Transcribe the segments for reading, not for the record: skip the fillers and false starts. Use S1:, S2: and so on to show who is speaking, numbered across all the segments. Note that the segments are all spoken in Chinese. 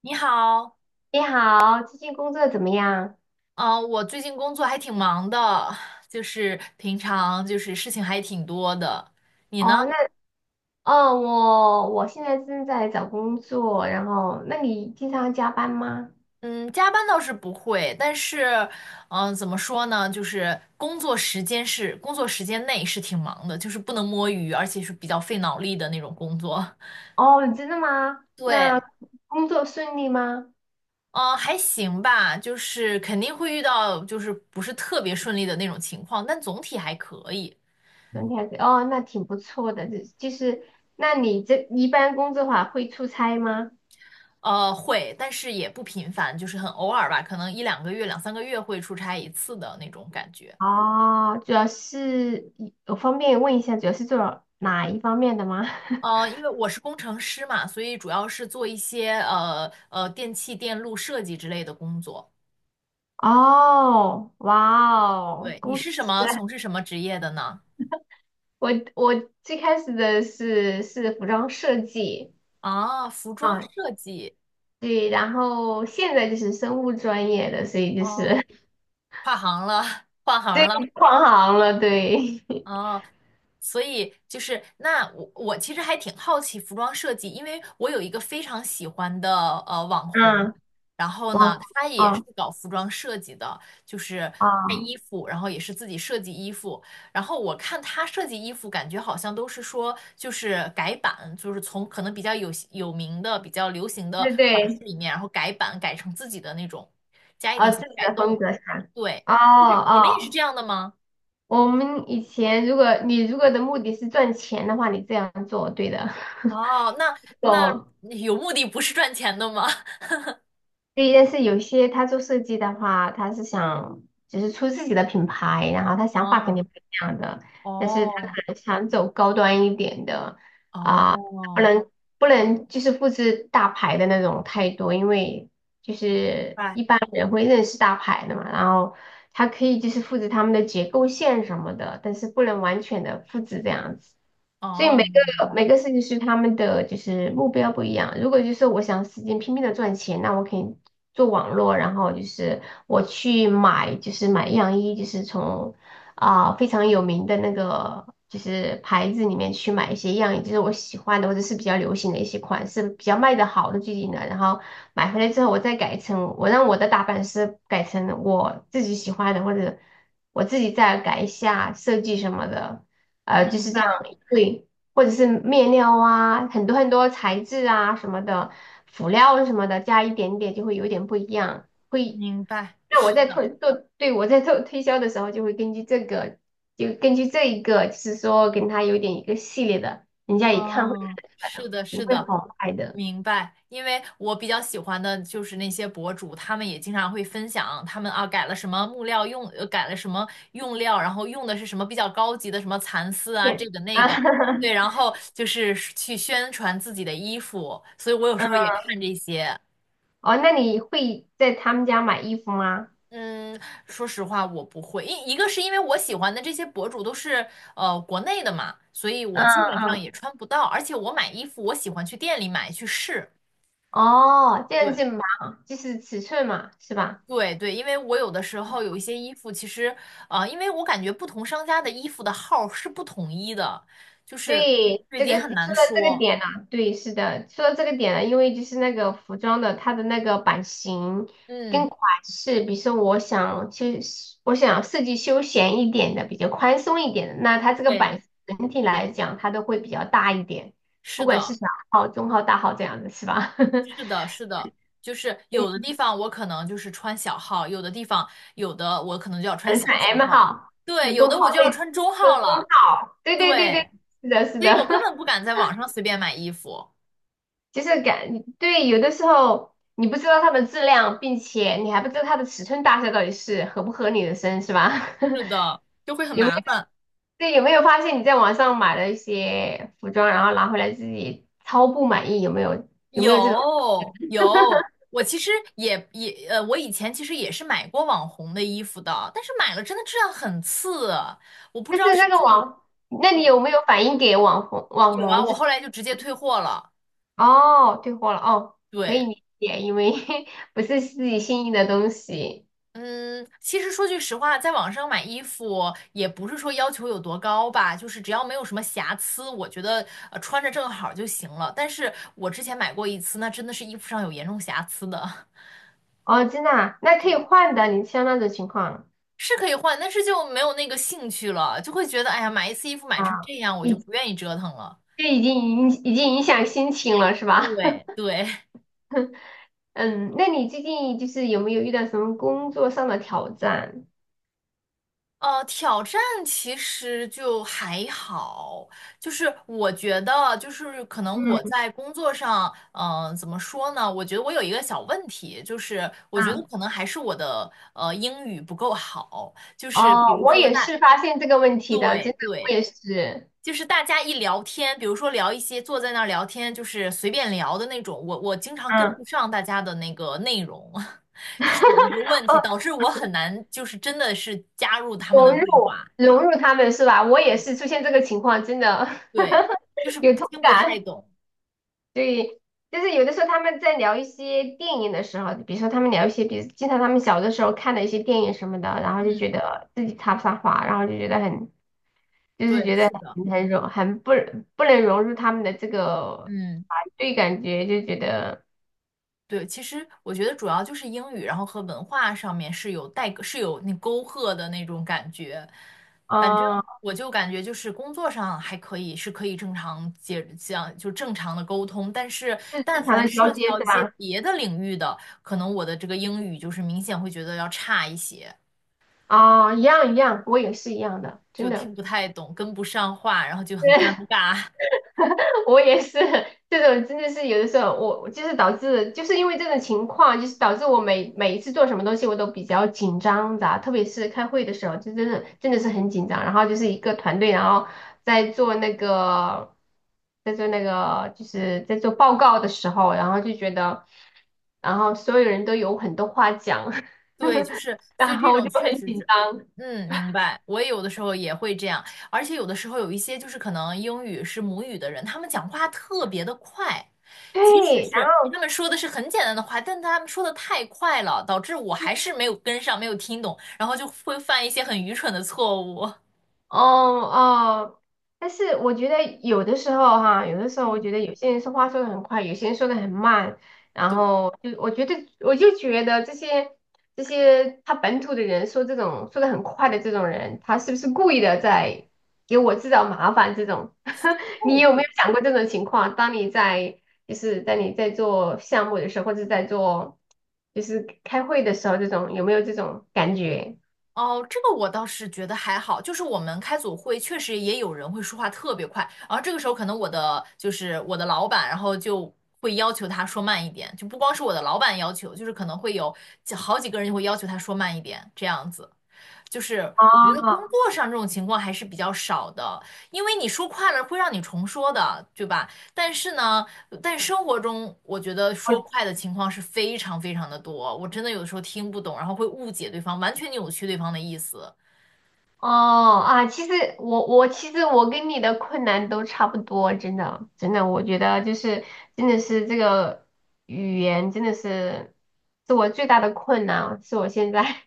S1: 你好，
S2: 你好，最近工作怎么样？
S1: 嗯、我最近工作还挺忙的，就是平常就是事情还挺多的。你呢？
S2: 哦，那哦，我现在正在找工作，然后那你经常加班吗？
S1: 嗯，加班倒是不会，但是，怎么说呢？就是工作时间内是挺忙的，就是不能摸鱼，而且是比较费脑力的那种工作。
S2: 哦，真的吗？那
S1: 对，
S2: 工作顺利吗？
S1: 嗯、还行吧，就是肯定会遇到就是不是特别顺利的那种情况，但总体还可以。
S2: 顺体还是哦，那挺不错的，就是那你这一般工作的话会出差吗？
S1: 会，但是也不频繁，就是很偶尔吧，可能一两个月、两三个月会出差一次的那种感觉。
S2: 哦，主要是我方便问一下，主要是做哪一方面的吗？
S1: 因为我是工程师嘛，所以主要是做一些电器电路设计之类的工作。
S2: 哦，哇哦，
S1: 对，你
S2: 公司。
S1: 是什么，从事什么职业的呢？
S2: 我最开始的是服装设计
S1: 啊，服装
S2: 啊，
S1: 设计，
S2: 对，然后现在就是生物专业的，所以就
S1: 哦，
S2: 是
S1: 跨行了，换 行
S2: 对
S1: 了。
S2: 跨行了，对，
S1: 哦，所以就是那我其实还挺好奇服装设计，因为我有一个非常喜欢的网 红，
S2: 嗯，
S1: 然后呢，
S2: 哦，
S1: 他也是
S2: 哦
S1: 搞服装设计的，就是卖
S2: 哦，
S1: 衣服，然后也是自己设计衣服，然后我看他设计衣服，感觉好像都是说就是改版，就是从可能比较有名的、比较流行的
S2: 对
S1: 款式
S2: 对，
S1: 里面，然后改版改成自己的那种，加一
S2: 啊，
S1: 点
S2: 自
S1: 小
S2: 己
S1: 改
S2: 的风
S1: 动。
S2: 格是吧？
S1: 对，
S2: 哦
S1: 就是你们也是这
S2: 哦，
S1: 样的吗？
S2: 我们以前如果你如果的目的是赚钱的话，你这样做对的，
S1: 哦，那
S2: 懂
S1: 有目的不是赚钱的吗？
S2: 对，但是有些他做设计的话，他是想就是出自己的品牌，然后他想法肯
S1: 哦，
S2: 定不一样的，但是他可
S1: 哦，
S2: 能想走高端一点的啊，不
S1: 哦，
S2: 能不能就是复制大牌的那种太多，因为就
S1: 明
S2: 是
S1: 白，
S2: 一般人会认识大牌的嘛，然后它可以就是复制他们的结构线什么的，但是不能完全的复制这样子。所以每
S1: 哦，
S2: 个每个设计师他们的就是目标不一样。如果就是我想使劲拼命的赚钱，那我可以做网络，然后就是我去买就是买样衣，就是从啊、非常有名的那个就是牌子里面去买一些样，也就是我喜欢的或者是比较流行的一些款式，比较卖得好的最近的，然后买回来之后我再改成我让我的打版师改成我自己喜欢的，或者我自己再改一下设计什么的，就
S1: 明
S2: 是这样
S1: 白，
S2: 对，或者是面料啊，很多很多材质啊什么的，辅料什么的，加一点点就会有点不一样。会
S1: 明白，
S2: 那我
S1: 是
S2: 在
S1: 的，
S2: 推做，对，我在做推销的时候，就会根据这个，就根据这一个，就是说跟他有点一个系列的，人家一看会看
S1: 哦，
S2: 出来
S1: 是
S2: 的，
S1: 的，
S2: 你
S1: 是
S2: 会
S1: 的，
S2: 好卖的。
S1: 明白。因为我比较喜欢的就是那些博主，他们也经常会分享他们啊改了什么木料用，改了什么用料，然后用的是什么比较高级的什么蚕丝啊，这
S2: 对
S1: 个
S2: 啊，
S1: 那个，对，然 后就是去宣传自己的衣服，所以我有
S2: 嗯，
S1: 时候也看这些。
S2: 哦，那你会在他们家买衣服吗？
S1: 嗯，说实话，我不会。一个是因为我喜欢的这些博主都是国内的嘛，所以
S2: 嗯
S1: 我基本上
S2: 嗯，
S1: 也穿不到。而且我买衣服，我喜欢去店里买去试。
S2: 哦，这样子
S1: 对
S2: 码，就是尺寸嘛，是吧？
S1: 对对，因为我有的时候有一些衣服，其实因为我感觉不同商家的衣服的号是不统一的，就是
S2: 对，
S1: 这已
S2: 这
S1: 经
S2: 个你
S1: 很难
S2: 说的这个
S1: 说。
S2: 点呢、对，是的，说到这个点了，因为就是那个服装的它的那个版型跟
S1: 嗯，
S2: 款式，比如说我想其实我想设计休闲一点的，比较宽松一点的，那它这个
S1: 对，
S2: 版型整体来讲它都会比较大一点，
S1: 是
S2: 不管是
S1: 的。
S2: 小号、中号、大号这样子是吧？
S1: 是的，是的，就是有
S2: 对，
S1: 的地方我可能就是穿小号，有的地方有的我可能就要穿
S2: 可能
S1: 小
S2: 像
S1: 小
S2: M
S1: 号，
S2: 号、
S1: 对，有
S2: 中
S1: 的
S2: 号
S1: 我就要
S2: 对，
S1: 穿中
S2: 就是
S1: 号
S2: 中
S1: 了，
S2: 号，对对对对，
S1: 对，
S2: 是的，是
S1: 所以
S2: 的，
S1: 我根本 不敢在网上随便买衣服，
S2: 就是感，对，有的时候你不知道它的质量，并且你还不知道它的尺寸大小到底是合不合你的身，是吧？
S1: 是的，就会 很
S2: 有没
S1: 麻
S2: 有，
S1: 烦。
S2: 对，有没有发现你在网上买了一些服装，然后拿回来自己超不满意，有没有？有没有这种？
S1: 有有，我其实也也呃，我以前其实也是买过网红的衣服的，但是买了真的质量很次，我不
S2: 就
S1: 知道
S2: 是
S1: 是
S2: 那
S1: 不
S2: 个
S1: 是
S2: 网，那你有没有反映给网红？网
S1: 有啊，
S2: 红
S1: 我
S2: 这
S1: 后来就直接退货了，
S2: 哦，退货了哦，可以
S1: 对。
S2: 理解，因为 不是自己心仪的东西
S1: 嗯，其实说句实话，在网上买衣服也不是说要求有多高吧，就是只要没有什么瑕疵，我觉得穿着正好就行了。但是我之前买过一次，那真的是衣服上有严重瑕疵的，
S2: 哦，真的啊那可以换的，你像那种情况
S1: 是可以换，但是就没有那个兴趣了，就会觉得哎呀，买一次衣服买成这
S2: 啊。
S1: 样，我就不愿意折腾了。
S2: 这已经影响心情了，是吧？
S1: 对 对，
S2: 嗯，那你最近就是有没有遇到什么工作上的挑战？
S1: 挑战其实就还好，就是我觉得，就是可能我
S2: 嗯
S1: 在工作上，怎么说呢？我觉得我有一个小问题，就是我觉得
S2: 啊，
S1: 可能还是我的英语不够好，就是比
S2: 哦，
S1: 如
S2: 我
S1: 说
S2: 也
S1: 大，
S2: 是发现这个问题的，
S1: 对
S2: 真的，我
S1: 对，
S2: 也是，
S1: 就是大家一聊天，比如说聊一些坐在那儿聊天，就是随便聊的那种，我经常跟
S2: 嗯，
S1: 不上大家的那个内容，这是我一个问题，
S2: 哦，
S1: 导致我很难就是真的是加入他们的
S2: 融
S1: 对
S2: 入
S1: 话。
S2: 融入他们是吧？我也是出现这个情况，真的
S1: 对，就是
S2: 有
S1: 不
S2: 同
S1: 听不太
S2: 感。
S1: 懂。
S2: 对，就是有的时候他们在聊一些电影的时候，比如说他们聊一些，比如经常他们小的时候看的一些电影什么的，然后就
S1: 嗯，
S2: 觉得自己插不上话，然后就觉得很。就
S1: 对，
S2: 是觉得
S1: 是的，
S2: 很融，很不能融入他们的这个
S1: 嗯，
S2: 团队感觉，就觉得
S1: 对，其实我觉得主要就是英语，然后和文化上面是有代沟，是有那沟壑的那种感觉。反正
S2: 哦，
S1: 我就感觉就是工作上还可以，是可以正常接这样就正常的沟通。但是
S2: 就是
S1: 但
S2: 正常
S1: 凡
S2: 的交
S1: 涉及
S2: 接
S1: 到一
S2: 是
S1: 些
S2: 吧？
S1: 别的领域的，可能我的这个英语就是明显会觉得要差一些，
S2: 啊，一样一样，我也是一样的，真
S1: 就听
S2: 的。
S1: 不太懂，跟不上话，然后就很尴尬。
S2: 我也是，这种真的是有的时候我就是导致，就是因为这种情况，就是导致我每一次做什么东西我都比较紧张的，特别是开会的时候，就真的真的是很紧张。然后就是一个团队，然后在做那个在做那个就是在做报告的时候，然后就觉得，然后所有人都有很多话讲，
S1: 对，就是，所以
S2: 然
S1: 这
S2: 后我
S1: 种
S2: 就
S1: 确
S2: 很
S1: 实
S2: 紧
S1: 是，
S2: 张。
S1: 嗯，明白。我也有的时候也会这样，而且有的时候有一些就是可能英语是母语的人，他们讲话特别的快，即使
S2: 对，
S1: 是他们说的是很简单的话，但他们说的太快了，导致我还是没有跟上，没有听懂，然后就会犯一些很愚蠢的错误。
S2: 哦哦，但是我觉得有的时候哈，有的时候我觉得有些人说话说的很快，有些人说的很慢，然
S1: 对，
S2: 后就我就觉得这些他本土的人说这种说的很快的这种人，他是不是故意的在给我制造麻烦？这种，你
S1: 后
S2: 有没
S1: 悔。
S2: 有想过这种情况？当你在就是在你在做项目的时候，或者在做就是开会的时候，这种有没有这种感觉？
S1: 哦，这个我倒是觉得还好，就是我们开组会确实也有人会说话特别快，然后这个时候可能我的就是我的老板，然后就会要求他说慢一点，就不光是我的老板要求，就是可能会有好几个人就会要求他说慢一点，这样子。就是我觉得工
S2: 哦，
S1: 作上这种情况还是比较少的，因为你说快了会让你重说的，对吧？但是呢，但生活中我觉得说
S2: 我
S1: 快的情况是非常非常的多，我真的有的时候听不懂，然后会误解对方，完全扭曲对方的意思。
S2: 哦啊，其实我其实我跟你的困难都差不多，真的真的，我觉得就是真的是这个语言真的是我最大的困难，是我现在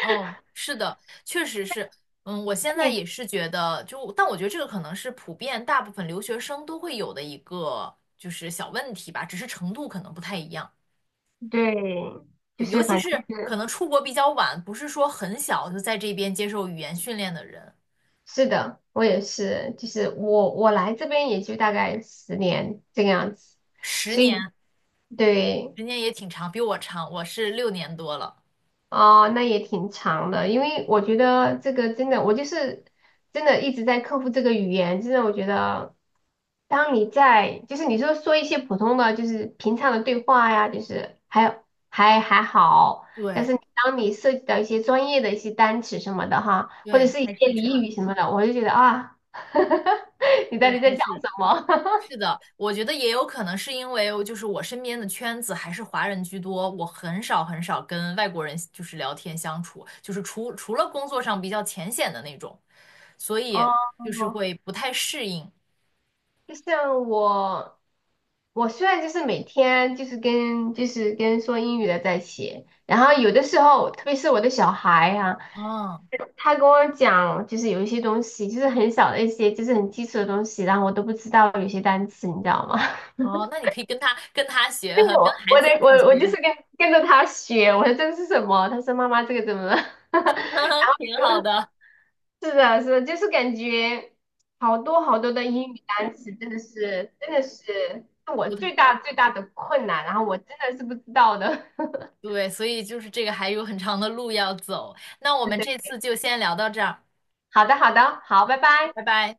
S1: 哦，是的，确实是，嗯，我现 在
S2: 你
S1: 也是觉得，就但我觉得这个可能是普遍大部分留学生都会有的一个就是小问题吧，只是程度可能不太一样。
S2: 对，就
S1: 对，尤
S2: 是
S1: 其
S2: 反正
S1: 是
S2: 是
S1: 可能出国比较晚，不是说很小就在这边接受语言训练的人，
S2: 是的，我也是，就是我来这边也就大概10年这个样子，
S1: 十
S2: 所以
S1: 年，
S2: 对。
S1: 十年也挺长，比我长，我是六年多了。
S2: 哦，那也挺长的，因为我觉得这个真的，我就是真的一直在克服这个语言。真的，我觉得，当你在就是你说说一些普通的，就是平常的对话呀，就是还有还好，但
S1: 对
S2: 是当你涉及到一些专业的一些单词什么的哈，或者
S1: 对，
S2: 是一
S1: 还
S2: 些
S1: 是
S2: 俚
S1: 差，
S2: 语什么的，我就觉得啊，你到
S1: 是
S2: 底在
S1: 还
S2: 讲
S1: 是
S2: 什么？
S1: 是的，我觉得也有可能是因为就是我身边的圈子还是华人居多，我很少很少跟外国人就是聊天相处，就是除了工作上比较浅显的那种，所 以
S2: 哦，
S1: 就是会不太适应。
S2: 就像我。我虽然就是每天就是跟说英语的在写，然后有的时候，特别是我的小孩啊，
S1: 嗯，
S2: 他跟我讲就是有一些东西，就是很小的一些，就是很基础的东西，然后我都不知道有些单词，你知道吗？
S1: 哦，那你可以跟他学，
S2: 那个
S1: 跟
S2: 我
S1: 孩
S2: 我
S1: 子一
S2: 得
S1: 起
S2: 我就是
S1: 学。
S2: 跟跟着他学，我说这个是什么？他说妈妈这个怎么了？
S1: 挺好的，
S2: 是的，是的，就是感觉好多好多的英语单词，真的是我
S1: 不太
S2: 最大最大的困难，然后我真的是不知道的。
S1: 对，所以就是这个还有很长的路要走。那我们这 次就先聊到这儿，
S2: 好的，好的，好，拜拜。
S1: 拜拜。